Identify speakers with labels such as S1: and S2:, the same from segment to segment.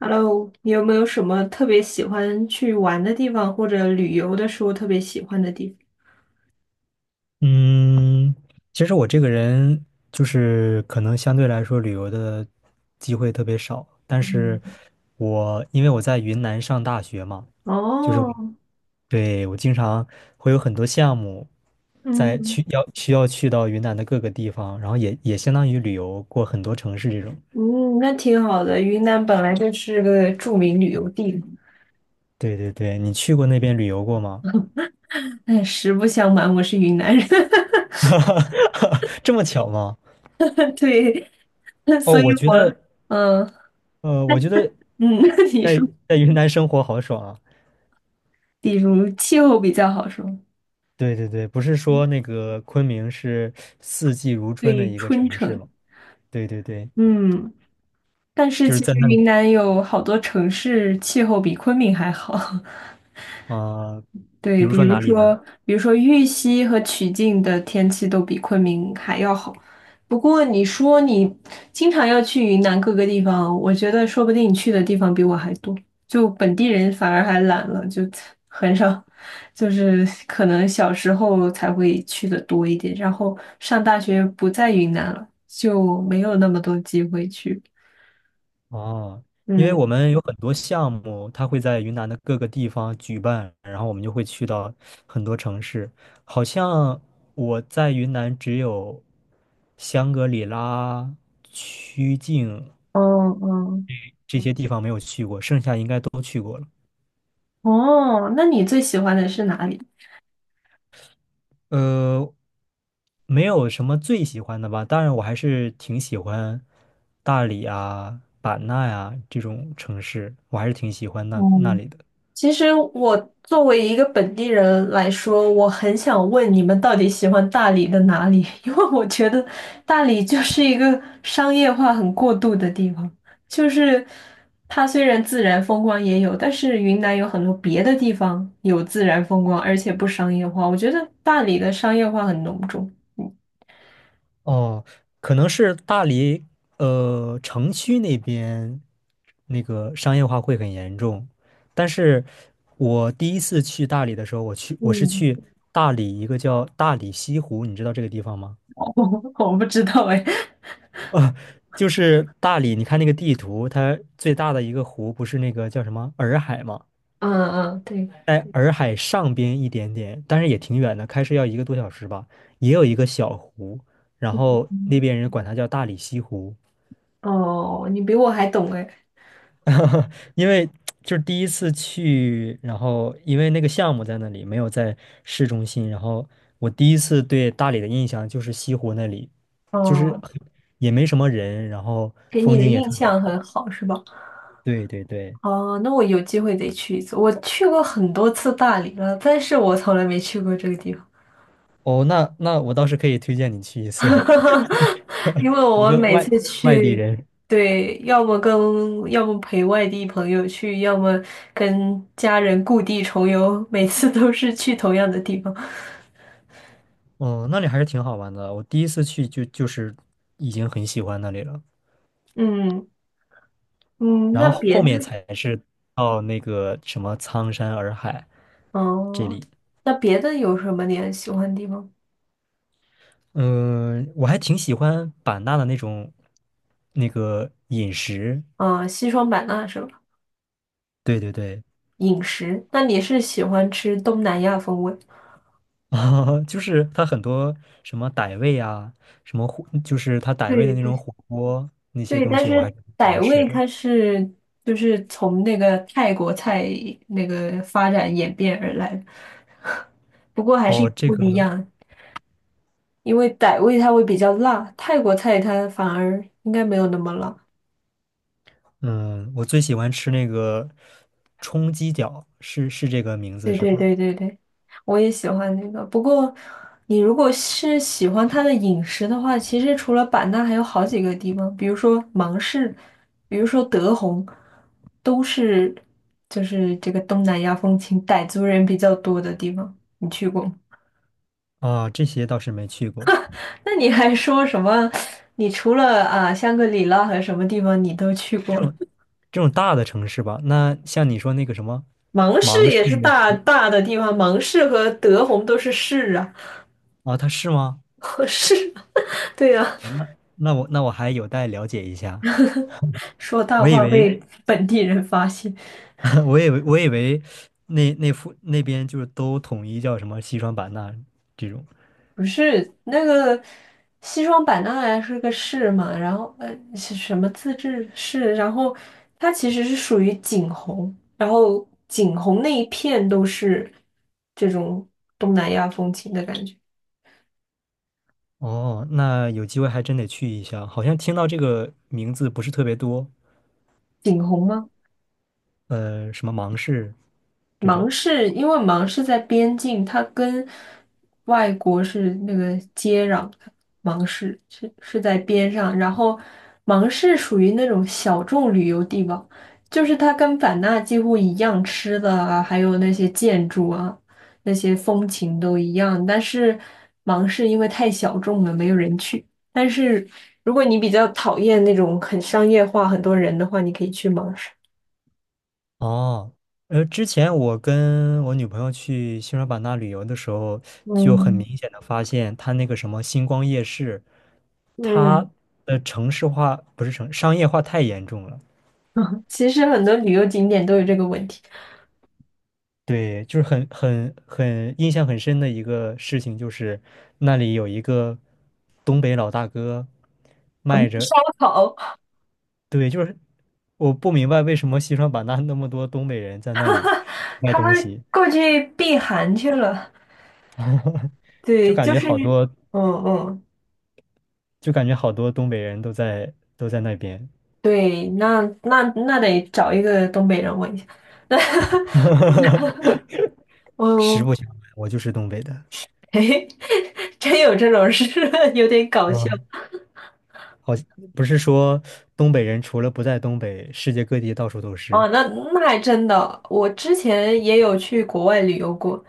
S1: Hello，你有没有什么特别喜欢去玩的地方，或者旅游的时候特别喜欢的地方？
S2: 嗯，其实我这个人就是可能相对来说旅游的机会特别少，但是
S1: 嗯
S2: 我因为我在云南上大学嘛，就是我
S1: 哦，
S2: 对我经常会有很多项目在
S1: 嗯
S2: 去要需要去到云南的各个地方，然后也相当于旅游过很多城市这种。
S1: 嗯，那挺好的。云南本来就是个著名旅游地嘛。
S2: 对对对，你去过那边旅游过吗？
S1: 哎，实不相瞒，我是云南人，
S2: 这么巧吗？
S1: 对，
S2: 哦，
S1: 所以
S2: 我觉
S1: 我，
S2: 得
S1: 嗯
S2: 我觉得
S1: 嗯，你
S2: 在
S1: 说，
S2: 在云南生活好爽啊。
S1: 比如气候比较好说，
S2: 对对对，不是说那个昆明是四季如春的
S1: 对，
S2: 一个
S1: 春
S2: 城市
S1: 城，
S2: 吗？对对对，
S1: 嗯，但是
S2: 就是
S1: 其
S2: 在
S1: 实
S2: 那里
S1: 云南有好多城市气候比昆明还好。
S2: 啊，呃比
S1: 对，
S2: 如
S1: 比
S2: 说
S1: 如
S2: 哪里
S1: 说，
S2: 呢？
S1: 比如说玉溪和曲靖的天气都比昆明还要好。不过你说你经常要去云南各个地方，我觉得说不定你去的地方比我还多，就本地人反而还懒了，就 很少，就是可能小时候才会去的多一点，然后上大学不在云南了，就没有那么多机会去。
S2: 哦，因为
S1: 嗯，
S2: 我们有很多项目，它会在云南的各个地方举办，然后我们就会去到很多城市。好像我在云南只有香格里拉、曲靖
S1: 哦哦
S2: 这些地方没有去过，剩下应该
S1: 哦，那你最喜欢的是哪里？
S2: 呃，没有什么最喜欢的吧，当然我还是挺喜欢大理啊、版纳呀、这种城市，我还是挺喜欢那那
S1: 嗯。
S2: 里的。
S1: 其实我作为一个本地人来说，我很想问你们到底喜欢大理的哪里？因为我觉得大理就是一个商业化很过度的地方，就是它虽然自然风光也有，但是云南有很多别的地方有自然风光，而且不商业化。我觉得大理的商业化很浓重。嗯，
S2: 哦，可能是大理，呃，城区那边那个商业化会很严重，但是我第一次去大理的时候，我去我是
S1: 嗯
S2: 去大理一个叫大理西湖，你知道这个地方吗？
S1: 我不知道哎。
S2: 就是大理，你看那个地图，它最大的一个湖不是那个叫什么洱海吗？
S1: 嗯嗯，对，
S2: 在洱海上边一点点，但是也挺远的，开车要一个多小时吧。也有一个小湖，然后那边人管它叫大理西湖，
S1: 哦，你比我还懂哎。
S2: 因为就是第一次去，然后因为那个项目在那里，没有在市中心，然后我第一次对大理的印象就是西湖那里，就是
S1: 哦，
S2: 也没什么人，然后
S1: 给你
S2: 风
S1: 的
S2: 景也
S1: 印
S2: 特别
S1: 象很
S2: 好。
S1: 好是吧？
S2: 对对对。
S1: 哦，那我有机会得去一次。我去过很多次大理了，但是我从来没去过这个地方，
S2: 哦，那我倒是可以推荐你去一次，
S1: 因为
S2: 一
S1: 我
S2: 个
S1: 每
S2: 外
S1: 次
S2: 外地
S1: 去，
S2: 人。
S1: 对，要么跟要么陪外地朋友去，要么跟家人故地重游，每次都是去同样的地方。
S2: 哦，那里还是挺好玩的。我第一次去就是已经很喜欢那里了，
S1: 嗯嗯，
S2: 然
S1: 那
S2: 后
S1: 别
S2: 后
S1: 的，
S2: 面才是到那个什么苍山洱海这
S1: 哦，
S2: 里。
S1: 那别的有什么你很喜欢的地方？
S2: 嗯，我还挺喜欢版纳的那种那个饮食。
S1: 啊，西双版纳是吧？
S2: 对对对，
S1: 饮食，那你是喜欢吃东南亚风味？
S2: 啊，就是它很多什么傣味啊，什么火，就是它傣味
S1: 对
S2: 的那种
S1: 对，
S2: 火锅那些
S1: 对，
S2: 东
S1: 但
S2: 西，我
S1: 是
S2: 还是挺喜欢
S1: 傣
S2: 吃
S1: 味
S2: 的。
S1: 它是就是从那个泰国菜那个发展演变而来的，不过还是有
S2: 哦，这
S1: 不
S2: 个。
S1: 一样，因为傣味它会比较辣，泰国菜它反而应该没有那么辣。
S2: 嗯，我最喜欢吃那个冲鸡脚，是这个名字
S1: 对
S2: 是
S1: 对
S2: 吧？
S1: 对对对，我也喜欢那个。不过，你如果是喜欢它的饮食的话，其实除了版纳，还有好几个地方，比如说芒市，比如说德宏，都是就是这个东南亚风情，傣族人比较多的地方。你去过吗？
S2: 啊，这些倒是没去过，
S1: 那你还说什么？你除了啊香格里拉和什么地方你都去过了？
S2: 这种大的城市吧。那像你说那个什么
S1: 芒市也是大大的地方，芒市和德宏都是市啊，
S2: 啊，它是吗？
S1: 和市啊，对呀、
S2: 啊那我还有待了解一下。
S1: 说大
S2: 我以
S1: 话
S2: 为
S1: 被本地人发现，
S2: 我以为那边就是都统一叫什么西双版纳这种。
S1: 不是那个西双版纳呀，是个市嘛，然后是什么自治市，然后它其实是属于景洪，然后景洪那一片都是这种东南亚风情的感觉，
S2: 哦，那有机会还真得去一下。好像听到这个名字不是特别多，
S1: 景洪吗？
S2: 呃，什么芒市这种。
S1: 芒市，因为芒市在边境，它跟外国是那个接壤的，芒市是在边上，然后芒市属于那种小众旅游地方，就是它跟版纳几乎一样，吃的啊，还有那些建筑啊，那些风情都一样，但是芒市因为太小众了，没有人去。但是如果你比较讨厌那种很商业化、很多人的话，你可以去芒市。
S2: 哦，呃，之前我跟我女朋友去西双版纳旅游的时候，就很
S1: 嗯
S2: 明显的发现，它那个什么星光夜市，它
S1: 嗯，
S2: 的城市化不是城商业化太严重了。
S1: 其实很多旅游景点都有这个问题。
S2: 对，就是很印象很深的一个事情，就是那里有一个东北老大哥
S1: 我们
S2: 卖着，
S1: 烧烤，
S2: 对，就是我不明白为什么西双版纳那么多东北人在那里卖
S1: 他
S2: 东
S1: 们
S2: 西，
S1: 过去避寒去了。
S2: 就
S1: 对，
S2: 感
S1: 就
S2: 觉
S1: 是，
S2: 好多。
S1: 嗯嗯，
S2: 就感觉好多东北人都在那边。
S1: 对，那得找一个东北人问一下。那
S2: 实
S1: 我，
S2: 不相瞒，我就是东北的。
S1: 嘿，真有这种事，有点搞笑。
S2: 嗯，好像不是说东北人除了不在东北，世界各地到处都是
S1: 哦，那那还真的，我之前也有去国外旅游过，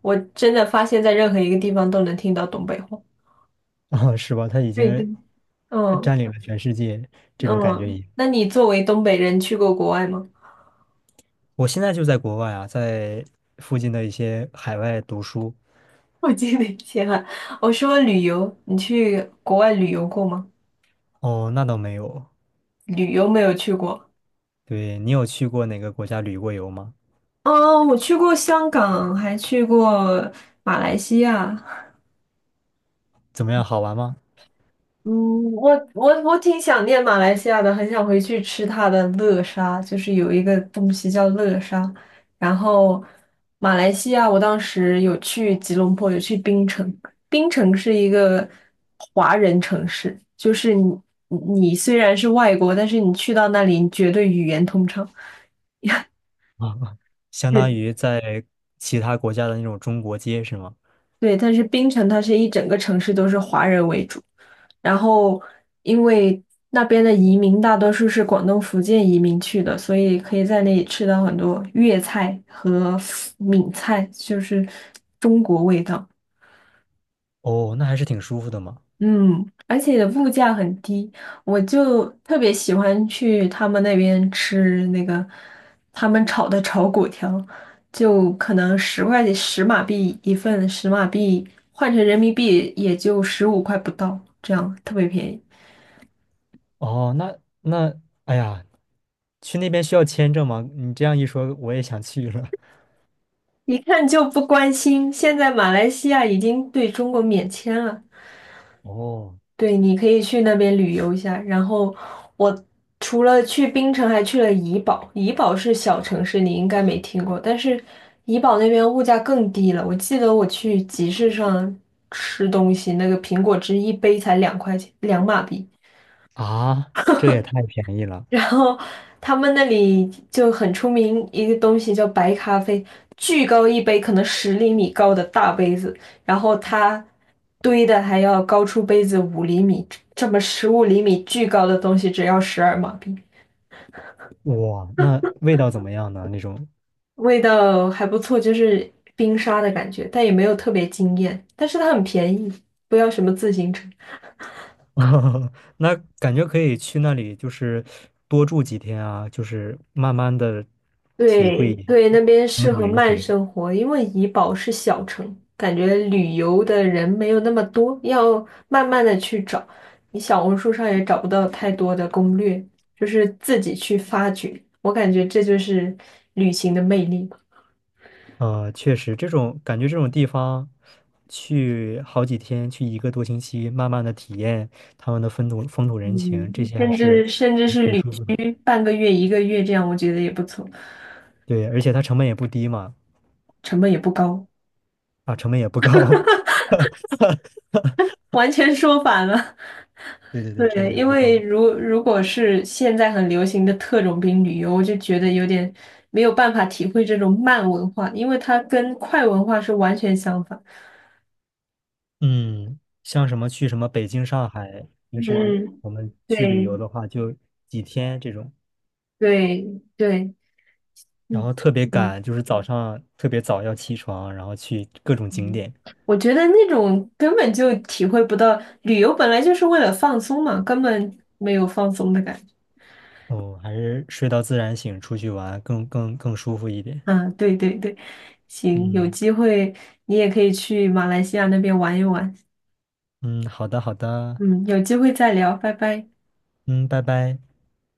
S1: 我真的发现在任何一个地方都能听到东北话。
S2: 啊，是吧？他已经
S1: 对对，嗯
S2: 占领了全世界，这种感觉
S1: 嗯，
S2: 也。
S1: 那你作为东北人去过国外吗？
S2: 我现在就在国外啊，在附近的一些海外读书。
S1: 我记得以前啊，我说旅游，你去国外旅游过吗？
S2: 哦，那倒没有。
S1: 旅游没有去过。
S2: 对，你有去过哪个国家旅过游吗？
S1: 哦，我去过香港，还去过马来西亚，
S2: 怎么样，好玩吗？
S1: 嗯，我挺想念马来西亚的，很想回去吃它的乐沙，就是有一个东西叫乐沙。然后马来西亚，我当时有去吉隆坡，有去槟城。槟城是一个华人城市，就是你虽然是外国，但是你去到那里，你绝对语言通畅。
S2: 啊，相当
S1: 是
S2: 于在其他国家的那种中国街是吗？
S1: 对，但是槟城它是一整个城市都是华人为主，然后因为那边的移民大多数是广东、福建移民去的，所以可以在那里吃到很多粤菜和闽菜，就是。
S2: 哦，那还是挺舒服的嘛。
S1: 嗯，而且物价很低，我就特别喜欢去他们那边吃那个他们炒的炒粿条，就可能10块钱十马币一份，十马币换成人民币也就15块不到，这样特别便宜。
S2: 哦，那那，哎呀，去那边需要签证吗？你这样一说，我也想去了。
S1: 一看就不关心，现在马来西亚已经对中国免签了，
S2: 哦，
S1: 对，你可以去那边旅游一下。然后我除了去槟城，还去了怡保。怡保是小城市，你应该没听过，但是怡保那边物价更低了。我记得我去集市上吃东西，那个苹果汁一杯才2块钱，2马币。
S2: 啊，这也太便宜了。
S1: 然后他们那里就很出名一个东西叫白咖啡，巨高一杯，可能10厘米高的大杯子，然后它堆的还要高出杯子五厘米，这么15厘米巨高的东西只要12马币，
S2: 哇，那味道怎么样呢？那种，
S1: 味道还不错，就是冰沙的感觉，但也没有特别惊艳，但是它很便宜，不要什么自行车。
S2: 那感觉可以去那里，就是多住几天啊，就是慢慢的体会
S1: 对对，那边
S2: 风
S1: 适
S2: 土
S1: 合
S2: 人
S1: 慢
S2: 情。
S1: 生活，因为怡保是小城，感觉旅游的人没有那么多，要慢慢的去找。你小红书上也找不到太多的攻略，就是自己去发掘。我感觉这就是旅行的魅力吧
S2: 呃，确实，这种感觉，这种地方去好几天，去一个多星期，慢慢的体验他们的风土风土人
S1: 嗯，
S2: 情，这些还
S1: 甚
S2: 是
S1: 至甚至
S2: 挺
S1: 是
S2: 挺
S1: 旅
S2: 舒服的。
S1: 居半个月、一个月这样，我觉得也不错，
S2: 对，而且它成本也不低嘛，
S1: 成本也不高，
S2: 啊，成本也不高。
S1: 完全说反了。
S2: 对对对，成
S1: 对，
S2: 本也
S1: 因
S2: 不
S1: 为
S2: 高。
S1: 如果是现在很流行的特种兵旅游，我就觉得有点没有办法体会这种慢文化，因为它跟快文化是完全相反。
S2: 嗯，像什么去什么北京、上海，平时
S1: 嗯，
S2: 我们去旅
S1: 对
S2: 游的话，就几天这种，
S1: 对对，
S2: 然
S1: 嗯
S2: 后特别
S1: 嗯
S2: 赶，就是早上特别早要起床，然后去各种景
S1: 嗯，
S2: 点。
S1: 我觉得那种根本就体会不到，旅游本来就是为了放松嘛，根本没有放松的感觉。
S2: 哦，还是睡到自然醒，出去玩更舒服一点。
S1: 啊，对对对，行，有
S2: 嗯
S1: 机会你也可以去马来西亚那边玩一玩。
S2: 嗯，好的好的，
S1: 嗯，有机会再聊，拜拜。
S2: 嗯，拜拜。